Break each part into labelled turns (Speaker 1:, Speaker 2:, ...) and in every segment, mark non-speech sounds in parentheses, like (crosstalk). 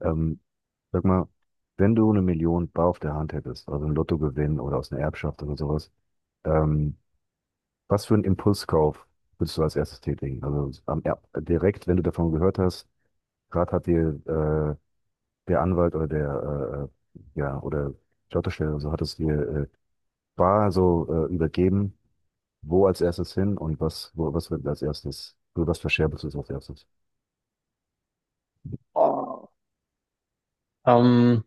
Speaker 1: Ähm, sag mal, wenn du eine Million bar auf der Hand hättest, also einen Lottogewinn oder aus einer Erbschaft oder sowas, ähm, was für einen Impulskauf würdest du als erstes tätigen? Also direkt, wenn du davon gehört hast, gerade hat dir der Anwalt oder der ja oder die Autostelle oder so hat es dir äh, bar so übergeben, wo als erstes hin und was wird als erstes, oder was verscherbelst du als erstes?
Speaker 2: Oh. Ähm,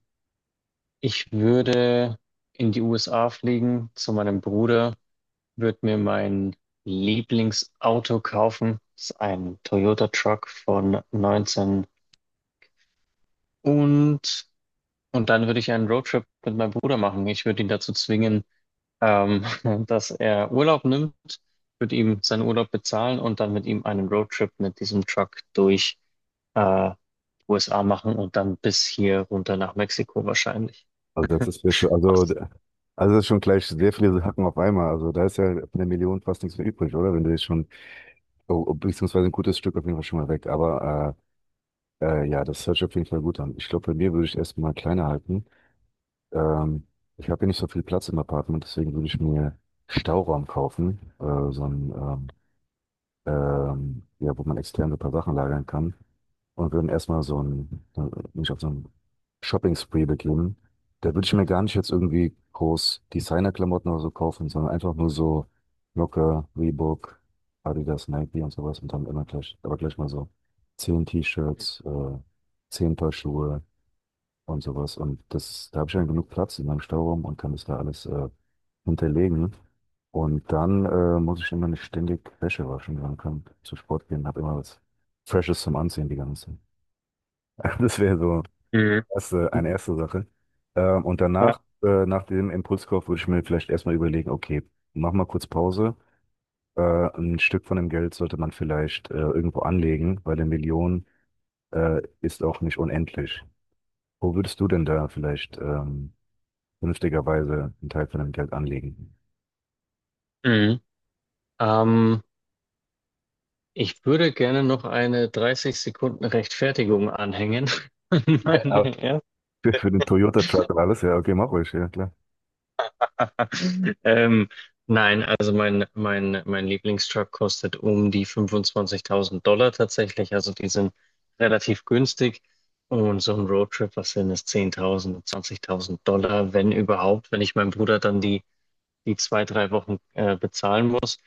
Speaker 2: Ich würde in die USA fliegen zu meinem Bruder, würde mir mein Lieblingsauto kaufen. Das ist ein Toyota Truck von 19 und, und dann würde ich einen Roadtrip mit meinem Bruder machen. Ich würde ihn dazu zwingen, ähm, (laughs) dass er Urlaub nimmt, würde ihm seinen Urlaub bezahlen und dann mit ihm einen Roadtrip mit diesem Truck durch äh, USA machen und dann bis hier runter nach Mexiko wahrscheinlich.
Speaker 1: Also das ist ja schon, also, also das ist schon gleich sehr viele Hacken auf einmal. Also da ist ja von der Million fast nichts mehr übrig, oder? Wenn du jetzt schon, oh, oh, beziehungsweise ein gutes Stück auf jeden Fall schon mal weg. Aber ja, das hört sich auf jeden Fall gut an. Ich glaube, bei mir würde ich erstmal kleiner halten. Ähm, ich habe hier nicht so viel Platz im Apartment, deswegen würde ich mir Stauraum kaufen, ja, wo man extern so ein paar Sachen lagern kann und würden erstmal mich auf so ein Shopping-Spree begeben. Da würde ich mir gar nicht jetzt irgendwie groß Designer-Klamotten oder so kaufen, sondern einfach nur so locker, Reebok, Adidas, Nike und sowas, und dann immer gleich, aber gleich mal so zehn T-Shirts, zehn Paar Schuhe und sowas. Und das, da habe ich dann genug Platz in meinem Stauraum und kann das da alles hinterlegen. Und dann muss ich immer nicht ständig Wäsche waschen, sondern kann zum Sport gehen, habe immer was Freshes zum Anziehen die ganze Zeit. (laughs) Das wäre so
Speaker 2: Mhm.
Speaker 1: eine erste Sache. Und
Speaker 2: Ja.
Speaker 1: danach, nach dem Impulskauf, würde ich mir vielleicht erstmal überlegen, okay, mach mal kurz Pause. Äh, ein Stück von dem Geld sollte man vielleicht irgendwo anlegen, weil eine Million ist auch nicht unendlich. Wo würdest du denn da vielleicht vernünftigerweise einen Teil von dem Geld anlegen?
Speaker 2: Mhm. Ähm, Ich würde gerne noch eine 30 Sekunden Rechtfertigung anhängen. (laughs) an
Speaker 1: Ja, aber
Speaker 2: Meine erste.
Speaker 1: für den Toyota-Truck und alles, ja, okay, mach ruhig, ja klar.
Speaker 2: (laughs) Ähm, nein, also mein Lieblingstruck kostet um die $25.000 tatsächlich. Also die sind relativ günstig. Und so ein Roadtrip, was sind es? 10.000, $20.000, wenn überhaupt. Wenn ich meinem Bruder dann die zwei, drei Wochen bezahlen muss.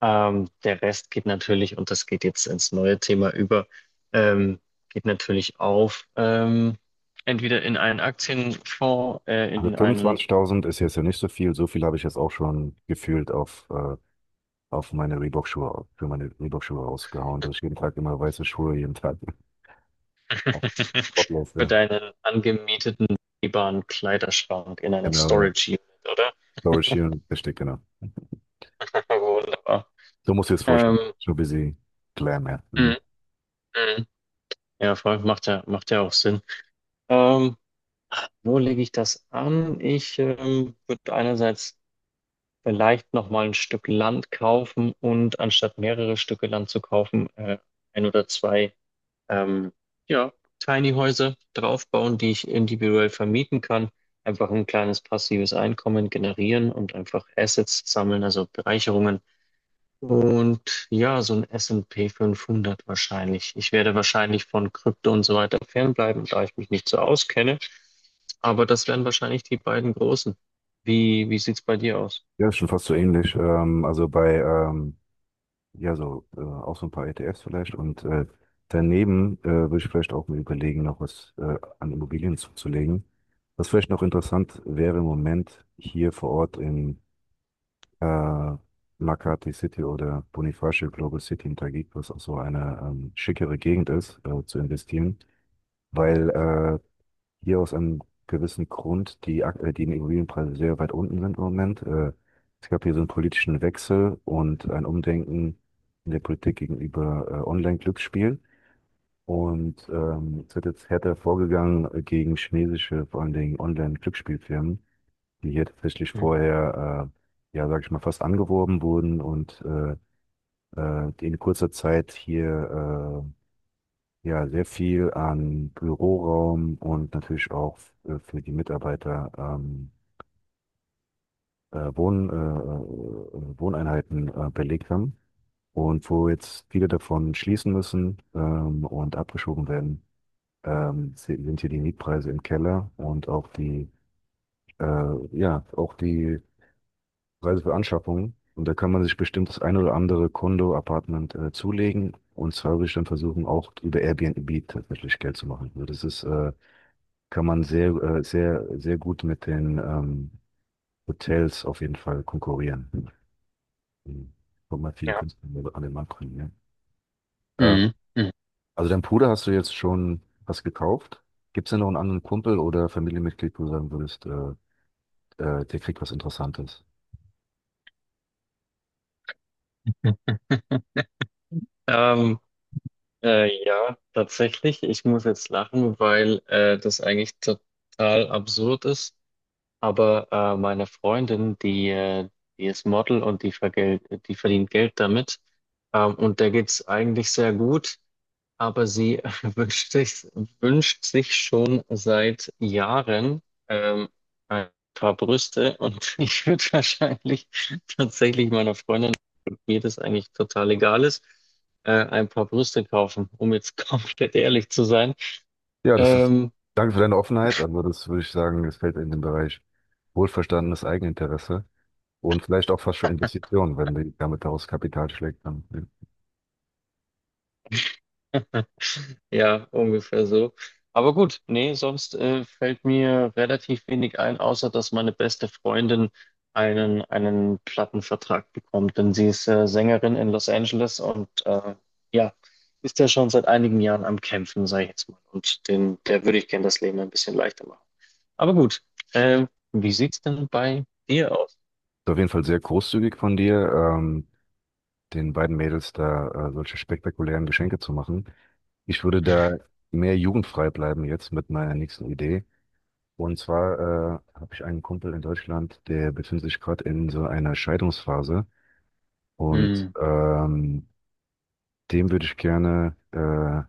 Speaker 2: Der Rest geht natürlich, und das geht jetzt ins neue Thema über, ähm, geht natürlich auf, entweder in einen Aktienfonds,
Speaker 1: Also
Speaker 2: in einen
Speaker 1: 25.000 ist jetzt ja nicht so viel. So viel habe ich jetzt auch schon gefühlt auf meine Reebok-Schuhe, für meine Reebok-Schuhe rausgehauen, dass ich jeden Tag immer weiße Schuhe, jeden Tag (laughs) auf
Speaker 2: (laughs)
Speaker 1: Sportlauf,
Speaker 2: für
Speaker 1: ja.
Speaker 2: deinen angemieteten begehbaren Kleiderschrank, in einer
Speaker 1: Genau, ja.
Speaker 2: Storage Unit, oder?
Speaker 1: Laura Sheeran, richtig, genau.
Speaker 2: (laughs) Wunderbar.
Speaker 1: So musst du dir das vorstellen.
Speaker 2: Ähm,
Speaker 1: So busy Glam, ja.
Speaker 2: mm,
Speaker 1: Mhm.
Speaker 2: mm. Ja, voll, macht ja auch Sinn. Ähm, Wo lege ich das an? Ich würde einerseits vielleicht nochmal ein Stück Land kaufen und anstatt mehrere Stücke Land zu kaufen, ein oder zwei, ähm, ja, Tiny Häuser draufbauen, die ich individuell vermieten kann. Einfach ein kleines passives Einkommen generieren und einfach Assets sammeln, also Bereicherungen. Und ja, so ein S&P 500 wahrscheinlich. Ich werde wahrscheinlich von Krypto und so weiter fernbleiben, da ich mich nicht so auskenne. Aber das wären wahrscheinlich die beiden großen. Wie sieht's bei dir aus?
Speaker 1: Ja, ist schon fast so ähnlich. Ja, so, auch so ein paar ETFs vielleicht. Und daneben würde ich vielleicht auch mir überlegen, noch was an Immobilien zuzulegen. Was vielleicht noch interessant wäre, im Moment hier vor Ort in äh, Makati City oder Bonifacio Global City in Taguig, was auch so eine schickere Gegend ist, zu investieren, weil hier aus einem gewissen Grund die Immobilienpreise sehr weit unten sind im Moment. Es gab hier so einen politischen Wechsel und ein Umdenken in der Politik gegenüber Online-Glücksspielen. Und es wird jetzt härter vorgegangen gegen chinesische, vor allen Dingen Online-Glücksspielfirmen, die hier tatsächlich
Speaker 2: Mhm.
Speaker 1: vorher, ja, sag ich mal, fast angeworben wurden und die in kurzer Zeit hier ja, sehr viel an Büroraum und natürlich auch für die Mitarbeiter Wohneinheiten belegt haben und wo jetzt viele davon schließen müssen und abgeschoben werden, sind hier die Mietpreise im Keller und auch die ja auch die Preise für Anschaffungen. Und da kann man sich bestimmt das ein oder andere Kondo-Apartment zulegen. Und zwar würde ich dann versuchen, auch über Airbnb tatsächlich Geld zu machen. Also das ist kann man sehr gut mit den Hotels auf jeden Fall konkurrieren. Mhm. Kommt mal viele
Speaker 2: Ja.
Speaker 1: Künstler an den Markt bringen, ja.
Speaker 2: Mhm. Mhm.
Speaker 1: Also dein Bruder, hast du jetzt schon was gekauft? Gibt es denn noch einen anderen Kumpel oder Familienmitglied, wo du sagen würdest, der kriegt was Interessantes?
Speaker 2: Hm. Ähm, ja, tatsächlich. Ich muss jetzt lachen, weil das eigentlich total absurd ist. Aber meine Freundin, die ist Model und die verdient Geld damit. Und der geht's eigentlich sehr gut. Aber sie (laughs) wünscht sich, wünscht sich schon seit Jahren ähm, ein paar Brüste. Und (laughs) ich würde wahrscheinlich tatsächlich meiner Freundin mir das eigentlich total egal ist, ein paar Brüste kaufen, um jetzt (laughs) komplett ehrlich zu sein.
Speaker 1: Ja, das ist,
Speaker 2: Ähm,
Speaker 1: danke für deine Offenheit, aber das würde ich sagen, das fällt in den Bereich wohlverstandenes Eigeninteresse und vielleicht auch fast schon Investitionen, wenn die damit daraus Kapital schlägt. Dann, ja. Ist
Speaker 2: (laughs) ja, ungefähr so. Aber gut, nee, sonst fällt mir relativ wenig ein, außer dass meine beste Freundin einen Plattenvertrag bekommt, denn sie ist Sängerin in Los Angeles und ja, ist ja schon seit einigen Jahren am Kämpfen, sage ich jetzt mal. Und der würde ich gerne das Leben ein bisschen leichter machen. Aber gut, wie sieht's denn bei dir aus?
Speaker 1: auf jeden Fall sehr großzügig von dir. Den beiden Mädels da solche spektakulären Geschenke zu machen. Ich würde da mehr jugendfrei bleiben jetzt mit meiner nächsten Idee. Und zwar habe ich einen Kumpel in Deutschland, der befindet sich gerade in so einer Scheidungsphase. Und
Speaker 2: Hm.
Speaker 1: dem würde ich gerne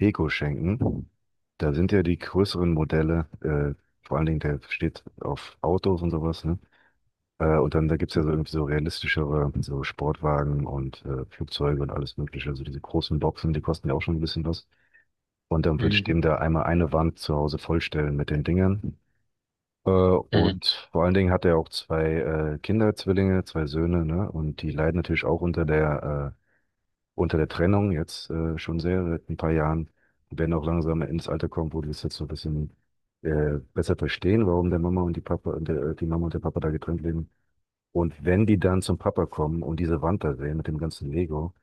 Speaker 1: Deko schenken. Da sind ja die größeren Modelle, vor allen Dingen der steht auf Autos und sowas, ne? Und dann da gibt's ja so irgendwie so realistischere, so Sportwagen und Flugzeuge und alles Mögliche. Also diese großen Boxen, die kosten ja auch schon ein bisschen was. Und dann würde ich
Speaker 2: Mhm.
Speaker 1: dem da einmal eine Wand zu Hause vollstellen mit den Dingern.
Speaker 2: Mhm.
Speaker 1: Und vor allen Dingen hat er auch zwei Kinder, Zwillinge, zwei Söhne, ne? Und die leiden natürlich auch unter der Trennung jetzt schon sehr, seit ein paar Jahren. Die werden auch langsam ins Alter kommen, wo die es jetzt so ein bisschen besser verstehen, warum der Mama und die Papa, der, die Mama und der Papa da getrennt leben. Und wenn die dann zum Papa kommen und diese Wand da sehen mit dem ganzen Lego,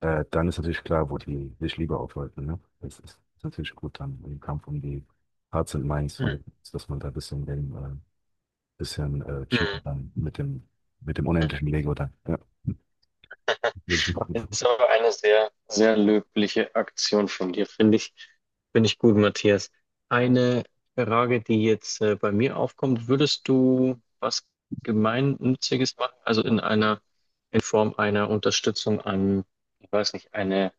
Speaker 1: dann ist natürlich klar, wo die sich lieber aufhalten. Ne? Das ist natürlich gut dann im Kampf um die Hearts and Minds von
Speaker 2: Mhm.
Speaker 1: den Kids, dass man da ein bisschen, bisschen
Speaker 2: Mhm.
Speaker 1: cheaten kann mit dem unendlichen Lego dann. Ja, (laughs) würde ich
Speaker 2: Es
Speaker 1: machen.
Speaker 2: ist aber eine sehr, sehr löbliche Aktion von dir, finde ich. Finde ich gut, Matthias. Eine Frage, die jetzt bei mir aufkommt, würdest du was Gemeinnütziges machen? Also in einer, in Form einer Unterstützung an, ich weiß nicht,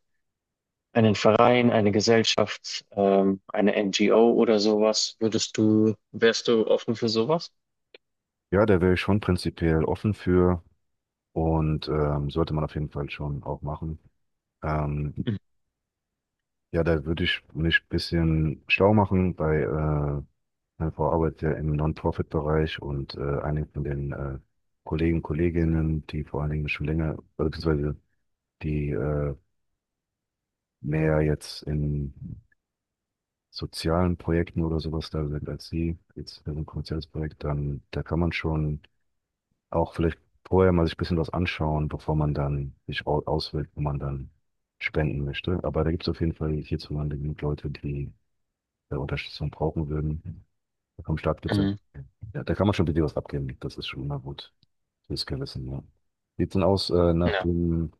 Speaker 2: einen Verein, eine Gesellschaft, eine NGO oder sowas? Wärst du offen für sowas?
Speaker 1: Ja, da wäre ich schon prinzipiell offen für und sollte man auf jeden Fall schon auch machen. Ähm,
Speaker 2: Mhm.
Speaker 1: ja, da würde ich mich ein bisschen schlau machen bei meine Frau arbeitet ja im Non-Profit-Bereich und einige von den Kollegen, Kolleginnen, die vor allen Dingen schon länger, beziehungsweise die mehr jetzt in sozialen Projekten oder sowas da sind als sie, jetzt für so ein kommerzielles Projekt, dann da kann man schon auch vielleicht vorher mal sich ein bisschen was anschauen, bevor man dann sich auswählt, wo man dann spenden möchte. Aber da gibt es auf jeden Fall hierzulande genug Leute, die Unterstützung brauchen würden. Da kommen Startgipfel.
Speaker 2: Mhm.
Speaker 1: Ja, ja, da kann man schon ein bisschen was abgeben. Das ist schon mal gut. Fürs Gewissen, ja. Sieht denn aus, nach
Speaker 2: Ja.
Speaker 1: den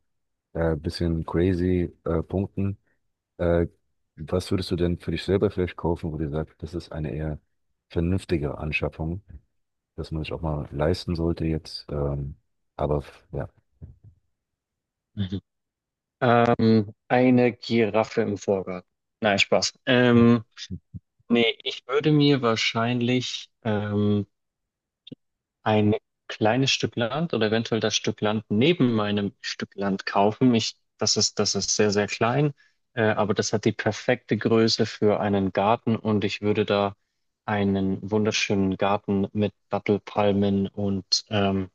Speaker 1: bisschen crazy Punkten, äh, was würdest du denn für dich selber vielleicht kaufen, wo du sagst, das ist eine eher vernünftige Anschaffung, dass man sich auch mal leisten sollte jetzt. Ja.
Speaker 2: Eine Giraffe im Vorgarten. Nein, Spaß. Nee, ich würde mir wahrscheinlich ein kleines Stück Land oder eventuell das Stück Land neben meinem Stück Land kaufen. Das ist sehr, sehr klein, aber das hat die perfekte Größe für einen Garten und ich würde da einen wunderschönen Garten mit Dattelpalmen und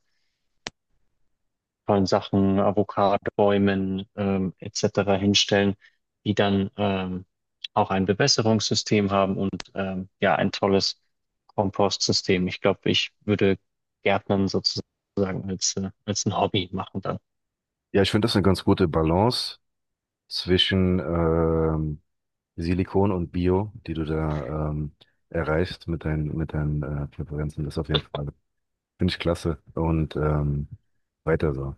Speaker 2: tollen Sachen, Avocadobäumen etc. hinstellen, die dann auch ein Bewässerungssystem haben und ja, ein tolles Kompostsystem. Ich glaube, ich würde Gärtnern sozusagen als, als ein Hobby machen dann.
Speaker 1: Ja, ich finde das eine ganz gute Balance zwischen Silikon und Bio, die du da erreichst mit deinen Präferenzen. Das auf jeden Fall. Finde ich klasse. Und weiter so.